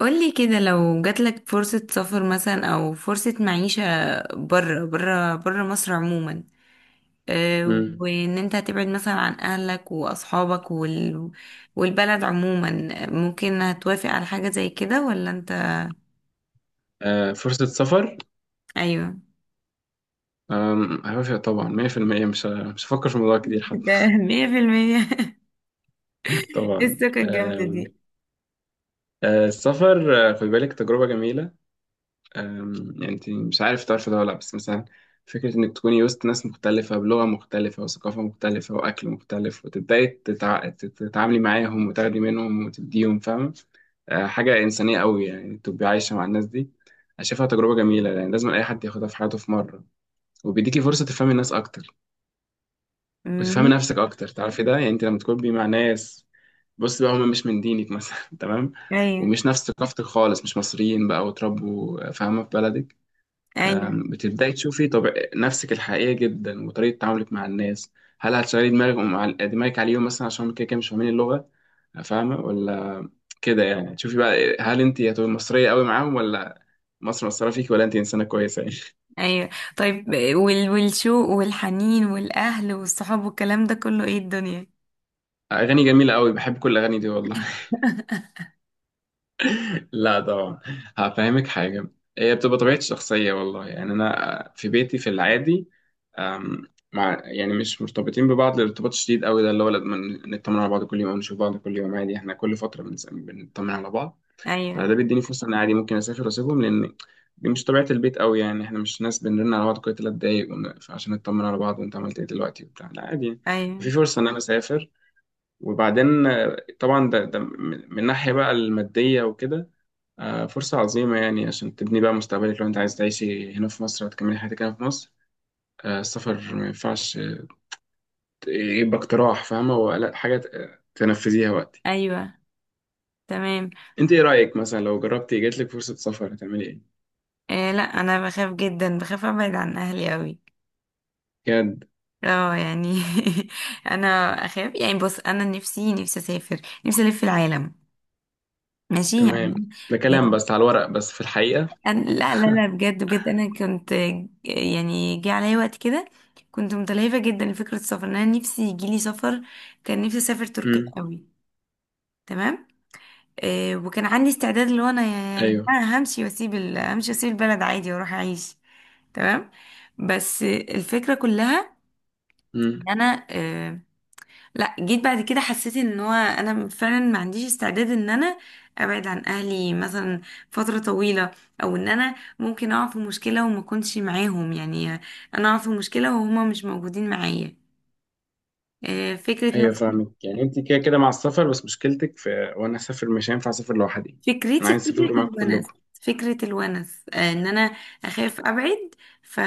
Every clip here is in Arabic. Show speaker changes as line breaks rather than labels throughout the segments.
قولي كده لو جاتلك فرصة سفر مثلا أو فرصة معيشة برا برا برا مصر عموما.
مم.
وإن أنت هتبعد مثلا عن أهلك وأصحابك والبلد عموما، ممكن هتوافق على حاجة زي كده ولا أنت؟
آه، فرصة سفر.
أيوه.
هوافق طبعا 100%. مش هفكر في الموضوع كتير حتى.
ده مية في المية.
طبعا.
السكة الجامدة دي.
آه، السفر. خد بالك تجربة جميلة. يعني انت مش عارف تعرف ده ولا لأ، بس مثلا فكرة انك تكوني وسط ناس مختلفة بلغة مختلفة وثقافة مختلفة وأكل مختلف وتبدأي تتعاملي معاهم وتاخدي منهم وتديهم، فاهمة؟ حاجة إنسانية قوي يعني تبقي عايشة مع الناس دي. أنا شايفها تجربة جميلة يعني لازم أي حد ياخدها في حياته في مرة. وبيديكي فرصة تفهمي الناس أكتر.
مم.
بتفهمي نفسك اكتر، تعرفي ده يعني، انت لما تكوني مع ناس، بص بقى، هم مش من دينك مثلا. تمام.
أيوه
ومش نفس ثقافتك خالص، مش مصريين بقى، وتربوا فاهمه في بلدك.
أيوه
بتبداي تشوفي طب نفسك الحقيقيه جدا، وطريقه تعاملك مع الناس. هل هتشغلي دماغك مع دماغك عليهم مثلا عشان كده كده مش فاهمين اللغه، فاهمه ولا؟ كده يعني، تشوفي بقى هل انت هتبقي مصريه قوي معاهم، ولا مصر مصرة فيك، ولا انت انسانه كويسه يعني.
أيوه. طيب، والشوق والحنين والأهل والصحاب والكلام ده كله إيه الدنيا؟
اغاني جميله قوي، بحب كل الاغاني دي والله. لا طبعا. هفهمك حاجة. هي بتبقى طبيعتي الشخصية والله، يعني أنا في بيتي في العادي، مع يعني مش مرتبطين ببعض الارتباط شديد قوي ده اللي هو لازم نطمن على بعض كل يوم أو نشوف بعض كل يوم. عادي، احنا كل فترة بنطمن على بعض. فده
أيوه
بيديني فرصة إن عادي ممكن أسافر وأسيبهم، لأن دي مش طبيعة البيت قوي، يعني احنا مش ناس بنرن على بعض كل تلات دقايق عشان نطمن على بعض وأنت عملت إيه دلوقتي وبتاع. لا، عادي،
أيوه
في فرصة إن أنا أسافر. وبعدين، طبعا ده من ناحية بقى المادية وكده، فرصة عظيمة يعني عشان تبني بقى مستقبلك. لو أنت عايز تعيشي هنا في مصر وتكملي حياتك هنا في مصر، السفر ما ينفعش، يبقى اقتراح فاهمة، هو لا حاجة تنفذيها وقتي.
ايوه تمام.
أنت إيه رأيك مثلا لو جربتي جاتلك فرصة سفر هتعملي إيه؟
لا انا بخاف جدا، بخاف ابعد عن اهلي قوي.
بجد؟
اه يعني انا اخاف يعني. بص انا نفسي اسافر، نفسي الف العالم، ماشي
تمام،
يعني.
ده كلام بس على الورق، بس في الحقيقة.
أنا لا لا لا، بجد بجد انا كنت، يعني جه عليا وقت كده كنت متلهفه جدا لفكره السفر، ان انا نفسي يجيلي سفر. كان نفسي اسافر تركيا
مم.
قوي. تمام. وكان عندي استعداد، اللي هو انا يعني
أيوه.
همشي واسيب البلد عادي واروح اعيش. تمام. بس الفكرة كلها
مم.
ان انا، لا جيت بعد كده حسيت ان هو انا فعلا ما عنديش استعداد ان انا ابعد عن اهلي مثلا فترة طويلة، او ان انا ممكن اقع في مشكلة وما اكونش معاهم يعني. انا اقع في مشكلة وهما مش موجودين معايا. فكرة
أيوه،
مثلا.
فاهمك، يعني أنت كده كده مع السفر، بس مشكلتك في وأنا أسافر مش هينفع أسافر لوحدي. أنا
فكرتي في
عايز
فكرة
أسافر معاكم
الونس.
كلكم.
فكرة الونس، ان انا اخاف ابعد. ف...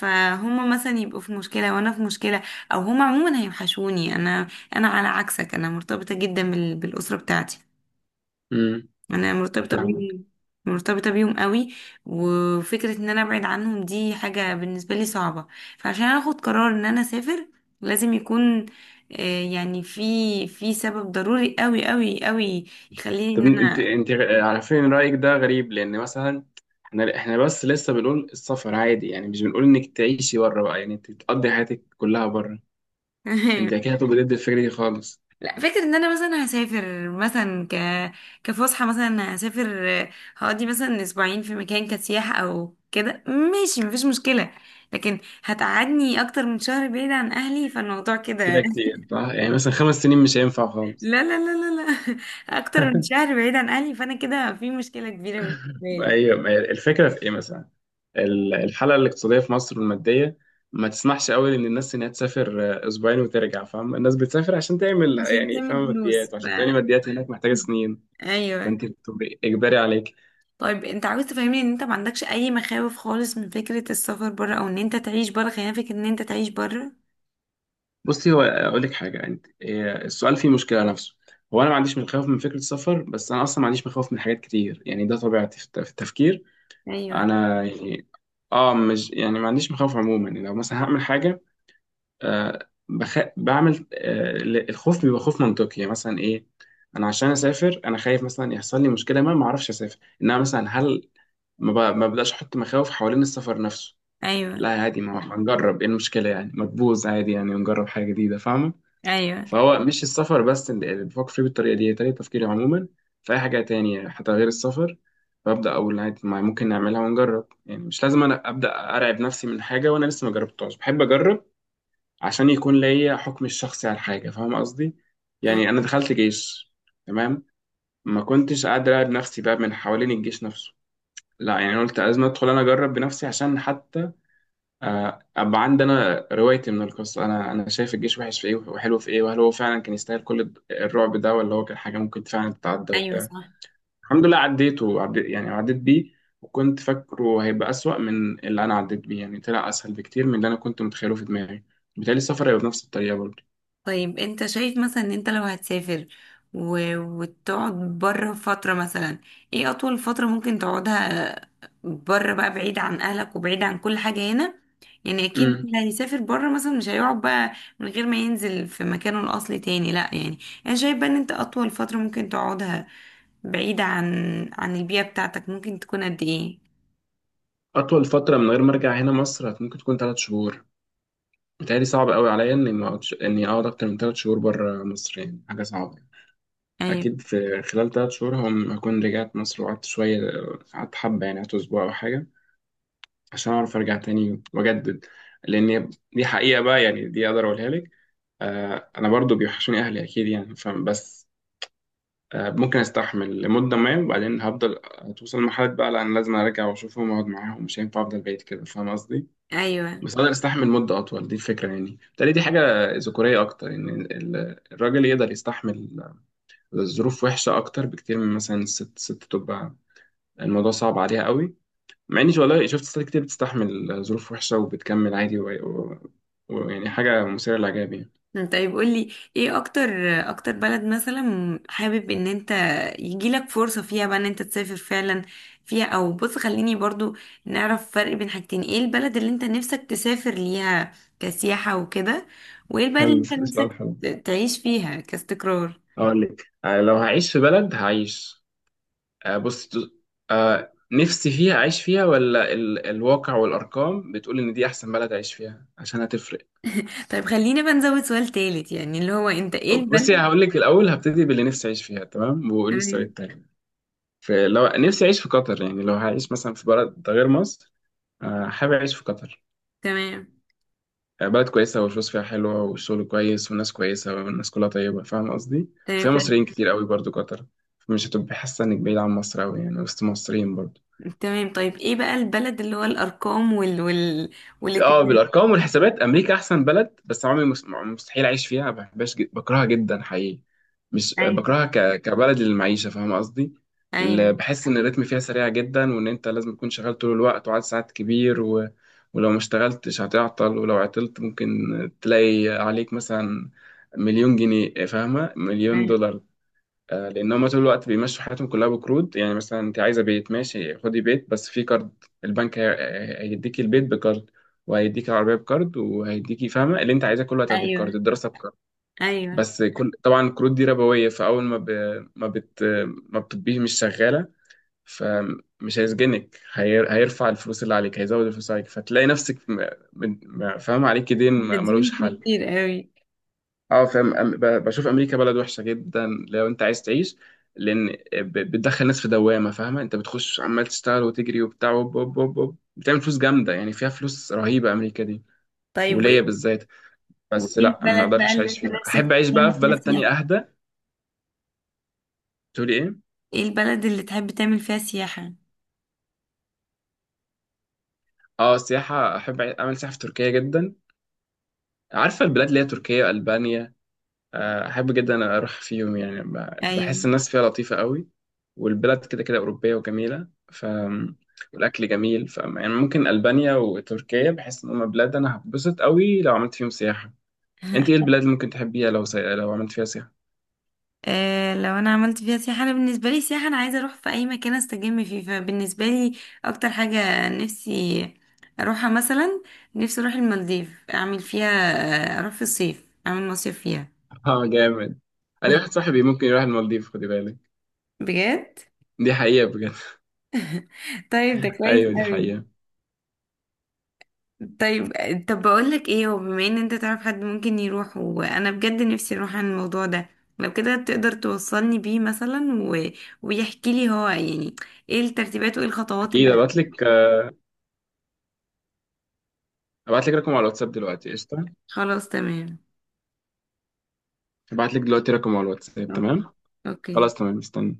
فهم مثلا يبقوا في مشكلة وانا في مشكلة، او هم عموما هيوحشوني. انا على عكسك، انا مرتبطة جدا بالاسرة بتاعتي.
مم.
انا مرتبطة
فاهمك.
بيهم، مرتبطة بيهم قوي. وفكرة ان انا ابعد عنهم دي حاجة بالنسبة لي صعبة. فعشان اخد قرار ان انا اسافر، لازم يكون، يعني في سبب ضروري قوي قوي قوي يخليني ان
طب انت
انا
على فين؟ رأيك ده غريب، لان مثلا احنا بس لسه بنقول السفر عادي، يعني مش بنقول انك تعيشي بره بقى، يعني انت تقضي حياتك كلها بره. انت كده هتبقى ضد الفكرة دي خالص.
لا، فكرة ان انا مثلا هسافر مثلا، كفسحة مثلا هسافر، هقضي مثلا اسبوعين في مكان كسياحة او كده ماشي، مفيش مشكلة. لكن هتقعدني اكتر من شهر بعيد عن اهلي، فالموضوع
كده
كده
كتير صح، يعني مثلا 5 سنين مش هينفع خالص.
لا لا لا لا لا. اكتر من شهر بعيد عن اهلي فانا كده في مشكلة كبيرة بالنسبة لي.
ايوه، ما هي الفكرة في ايه مثلا، الحالة الاقتصادية في مصر والمادية ما تسمحش قوي ان الناس انها تسافر اسبوعين وترجع. فاهم، الناس بتسافر عشان تعمل،
عشان
يعني
تعمل
فاهم،
فلوس
ماديات،
ف
وعشان تعمل ماديات هناك محتاجة سنين.
ايوه.
فانت بتبقي اجباري عليك.
طيب انت عاوز تفهمني ان انت ما عندكش اي مخاوف خالص من فكرة السفر بره، او ان انت تعيش بره، خلينا فكرة ان انت تعيش بره.
بصي، هو اقول لك حاجه، انت إيه، السؤال فيه مشكله نفسه. هو انا ما عنديش مخاوف من فكره السفر، بس انا اصلا ما عنديش مخاوف من حاجات كتير، يعني ده طبيعتي في في التفكير.
ايوه
انا يعني اه، مش يعني ما عنديش مخاوف عموما، يعني لو مثلا هعمل حاجه، بعمل، الخوف بيبقى خوف منطقي، يعني مثلا ايه، انا عشان اسافر انا خايف مثلا يحصل لي مشكله ما اعرفش اسافر. انما مثلا هل ما بداش احط مخاوف حوالين السفر نفسه.
ايوه
لا، عادي، ما هنجرب؟ ايه المشكله يعني؟ ما تبوظ، عادي يعني، نجرب حاجه جديده، فاهمه.
ايوه.
فهو مش السفر بس اللي بفكر فيه بالطريقة دي، هي طريقة تفكيري عموما في أي حاجة تانية حتى غير السفر. فأبدأ أقول عادي، ما ممكن نعملها ونجرب، يعني مش لازم أنا أبدأ أرعب نفسي من حاجة وأنا لسه ما جربتهاش. بحب أجرب عشان يكون ليا حكم الشخصي على الحاجة، فاهم قصدي؟
مم.
يعني أنا دخلت جيش. تمام. ما كنتش قاعد أرعب نفسي بقى من حوالين الجيش نفسه. لا، يعني أنا قلت لازم أدخل أنا أجرب بنفسي عشان حتى ابقى عندي انا روايتي من القصه. انا شايف الجيش وحش في ايه وحلو في ايه، وهل هو فعلا كان يستاهل كل الرعب ده، ولا هو كان حاجه ممكن فعلا تتعدى
ايوه
وبتاع.
صح.
الحمد لله عديته، عديت يعني عديت بيه. وكنت فاكره هيبقى اسوأ من اللي انا عديت بيه، يعني طلع اسهل بكتير من اللي انا كنت متخيله في دماغي. بالتالي السفر هيبقى بنفس الطريقه برضه.
طيب انت شايف مثلا ان انت لو هتسافر وتقعد بره فترة مثلا، ايه اطول فترة ممكن تقعدها بره بقى بعيد عن اهلك وبعيد عن كل حاجة هنا؟ يعني اكيد
امم.
اللي هيسافر بره مثلا مش هيقعد بقى من غير ما ينزل في مكانه الاصلي تاني، لا يعني. انا شايف بقى ان انت اطول فترة ممكن تقعدها بعيدة عن البيئة بتاعتك ممكن تكون قد ايه؟
اطول فتره من غير ما ارجع هنا مصر ممكن تكون 3 شهور. بالتالي صعب قوي عليا اني ما أقعدش- اني اقعد اكتر من 3 شهور بره مصر، يعني حاجه صعبه.
ايوه
أكيد في خلال 3 شهور هكون رجعت مصر وقعدت شوية، قعدت حبة، يعني قعدت أسبوع أو حاجة عشان أعرف أرجع تاني وأجدد. لأن دي حقيقة بقى، يعني دي أقدر أقولها لك. آه، أنا برضو بيوحشوني أهلي أكيد، يعني فبس آه، ممكن أستحمل لمدة ما، وبعدين هفضل توصل لمرحلة بقى لأن لازم أرجع وأشوفهم وأقعد معاهم، مش هينفع أفضل بعيد كده، فاهم قصدي؟
ايوه.
بس أقدر أستحمل مدة أطول، دي الفكرة يعني. بالتالي دي حاجة ذكورية أكتر، إن الراجل يقدر يستحمل الظروف وحشة أكتر بكتير من مثلا الست، ست تبقى الموضوع صعب عليها قوي. مع إني والله شفت ستات كتير بتستحمل ظروف وحشة وبتكمل عادي ويعني ويعني حاجة مثيرة للإعجاب يعني.
طيب قولي، ايه اكتر بلد مثلا حابب ان انت يجيلك فرصة فيها بقى ان انت تسافر فعلا فيها؟ او بص، خليني برضو نعرف فرق بين حاجتين: ايه البلد اللي انت نفسك تسافر ليها كسياحة وكده، وايه البلد
حلو،
اللي انت
سؤال
نفسك
حلو.
تعيش فيها كاستقرار؟
أقول لك، لو هعيش في بلد هعيش، بص، نفسي فيها أعيش فيها ولا الواقع والأرقام بتقول إن دي أحسن بلد أعيش فيها، عشان هتفرق.
طيب خلينا بقى نزود سؤال تالت، يعني اللي هو انت ايه
بصي،
البلد؟
هقول لك الأول هبتدي باللي نفسي أعيش فيها، تمام، وقولي السؤال
تمام
التاني. فلو نفسي أعيش في قطر، يعني لو هعيش مثلا في بلد غير مصر، حابب أعيش في قطر.
تمام.
بلد كويسة والفلوس فيها حلوة والشغل كويس والناس كويسة والناس كلها طيبة، فاهم قصدي؟
تمام
فيها
تمام
مصريين كتير قوي برضو قطر، مش هتبقى حاسة إنك بعيد عن مصر أوي، يعني وسط مصريين برضو.
تمام. طيب ايه بقى البلد اللي هو الارقام وال
اه،
والاتجاه؟
بالارقام والحسابات امريكا احسن بلد، بس عمري مستحيل اعيش فيها، ما بحبهاش، بكرهها جدا حقيقي. مش
ايوه
بكرهها كبلد للمعيشه، فاهم قصدي.
ايوه
بحس ان الريتم فيها سريع جدا، وان انت لازم تكون شغال طول الوقت وعدد ساعات كبير ولو ما اشتغلتش هتعطل، ولو عطلت ممكن تلاقي عليك مثلا مليون جنيه، فاهمه، مليون دولار. لان هم طول الوقت بيمشوا حياتهم كلها بقروض، يعني مثلا انت عايزه بيت، ماشي، خدي بيت بس في كارد. البنك هيديكي البيت بكارد، وهيديكي العربيه بكارد، وهيديكي فاهمه اللي انت عايزاه كله هتاخديه بكارد،
ايوه
الدراسه بكارد.
ايوه.
بس كل طبعا الكروت دي ربويه، فاول ما ب... ما بت ما بتبقيه مش شغاله، فمش هيسجنك، هيرفع الفلوس اللي عليك، هيزود الفلوس عليك، فتلاقي نفسك فاهمه عليك دين
قديم.
ملوش حل.
كتير قوي.
اه، فاهم، بشوف امريكا بلد وحشه جدا لو انت عايز تعيش، لان بتدخل ناس في دوامه، فاهمه، انت بتخش عمال تشتغل وتجري وبتاع وب وب وب وب. بتعمل فلوس جامده، يعني فيها فلوس رهيبه امريكا دي،
طيب وايه
وليا بالذات.
وايه
بس لا، ما
البلد بقى
اقدرش
اللي
اعيش
انت
فيها،
نفسك
احب اعيش بقى
تعمل
في
فيها
بلد تانية
سياحة؟
اهدى. تقولي ايه؟
ايه البلد اللي تحب تعمل فيها سياحة؟
اه، سياحه، احب اعمل سياحه في تركيا جدا، عارفه البلاد اللي هي تركيا، البانيا. احب جدا اروح في يوم يعني، بحس
ايوه.
الناس فيها لطيفه قوي، والبلاد كده كده اوروبيه وجميله، والاكل جميل، يعني ممكن البانيا وتركيا بحس ان هم بلاد انا هتبسط قوي لو عملت فيهم سياحه. انت ايه البلاد اللي ممكن تحبيها لو لو عملت فيها سياحه؟
لو انا عملت فيها سياحة، انا بالنسبة لي سياحة انا عايزة اروح في اي مكان استجم فيه، فبالنسبة لي اكتر حاجة نفسي اروحها مثلا، نفسي اروح المالديف اعمل فيها، اروح في الصيف اعمل مصيف فيها.
اه، جامد. انا واحد صاحبي ممكن يروح المالديف، خدي بالك.
بجد.
دي حقيقه، بجد.
طيب ده كويس
ايوه، دي
قوي.
حقيقه.
طيب، طب بقولك ايه، هو بما ان انت تعرف حد ممكن يروح، وانا بجد نفسي اروح، عن الموضوع ده لو كده تقدر توصلني بيه مثلا ويحكي لي هو يعني ايه الترتيبات وايه الخطوات
اكيد
اللي.
ابعت لك، ابعت لك رقم على الواتساب دلوقتي، قشطه.
خلاص تمام.
ابعت لك دلوقتي رقم على الواتساب. تمام.
اوكي اوكي.
خلاص، تمام، استنى.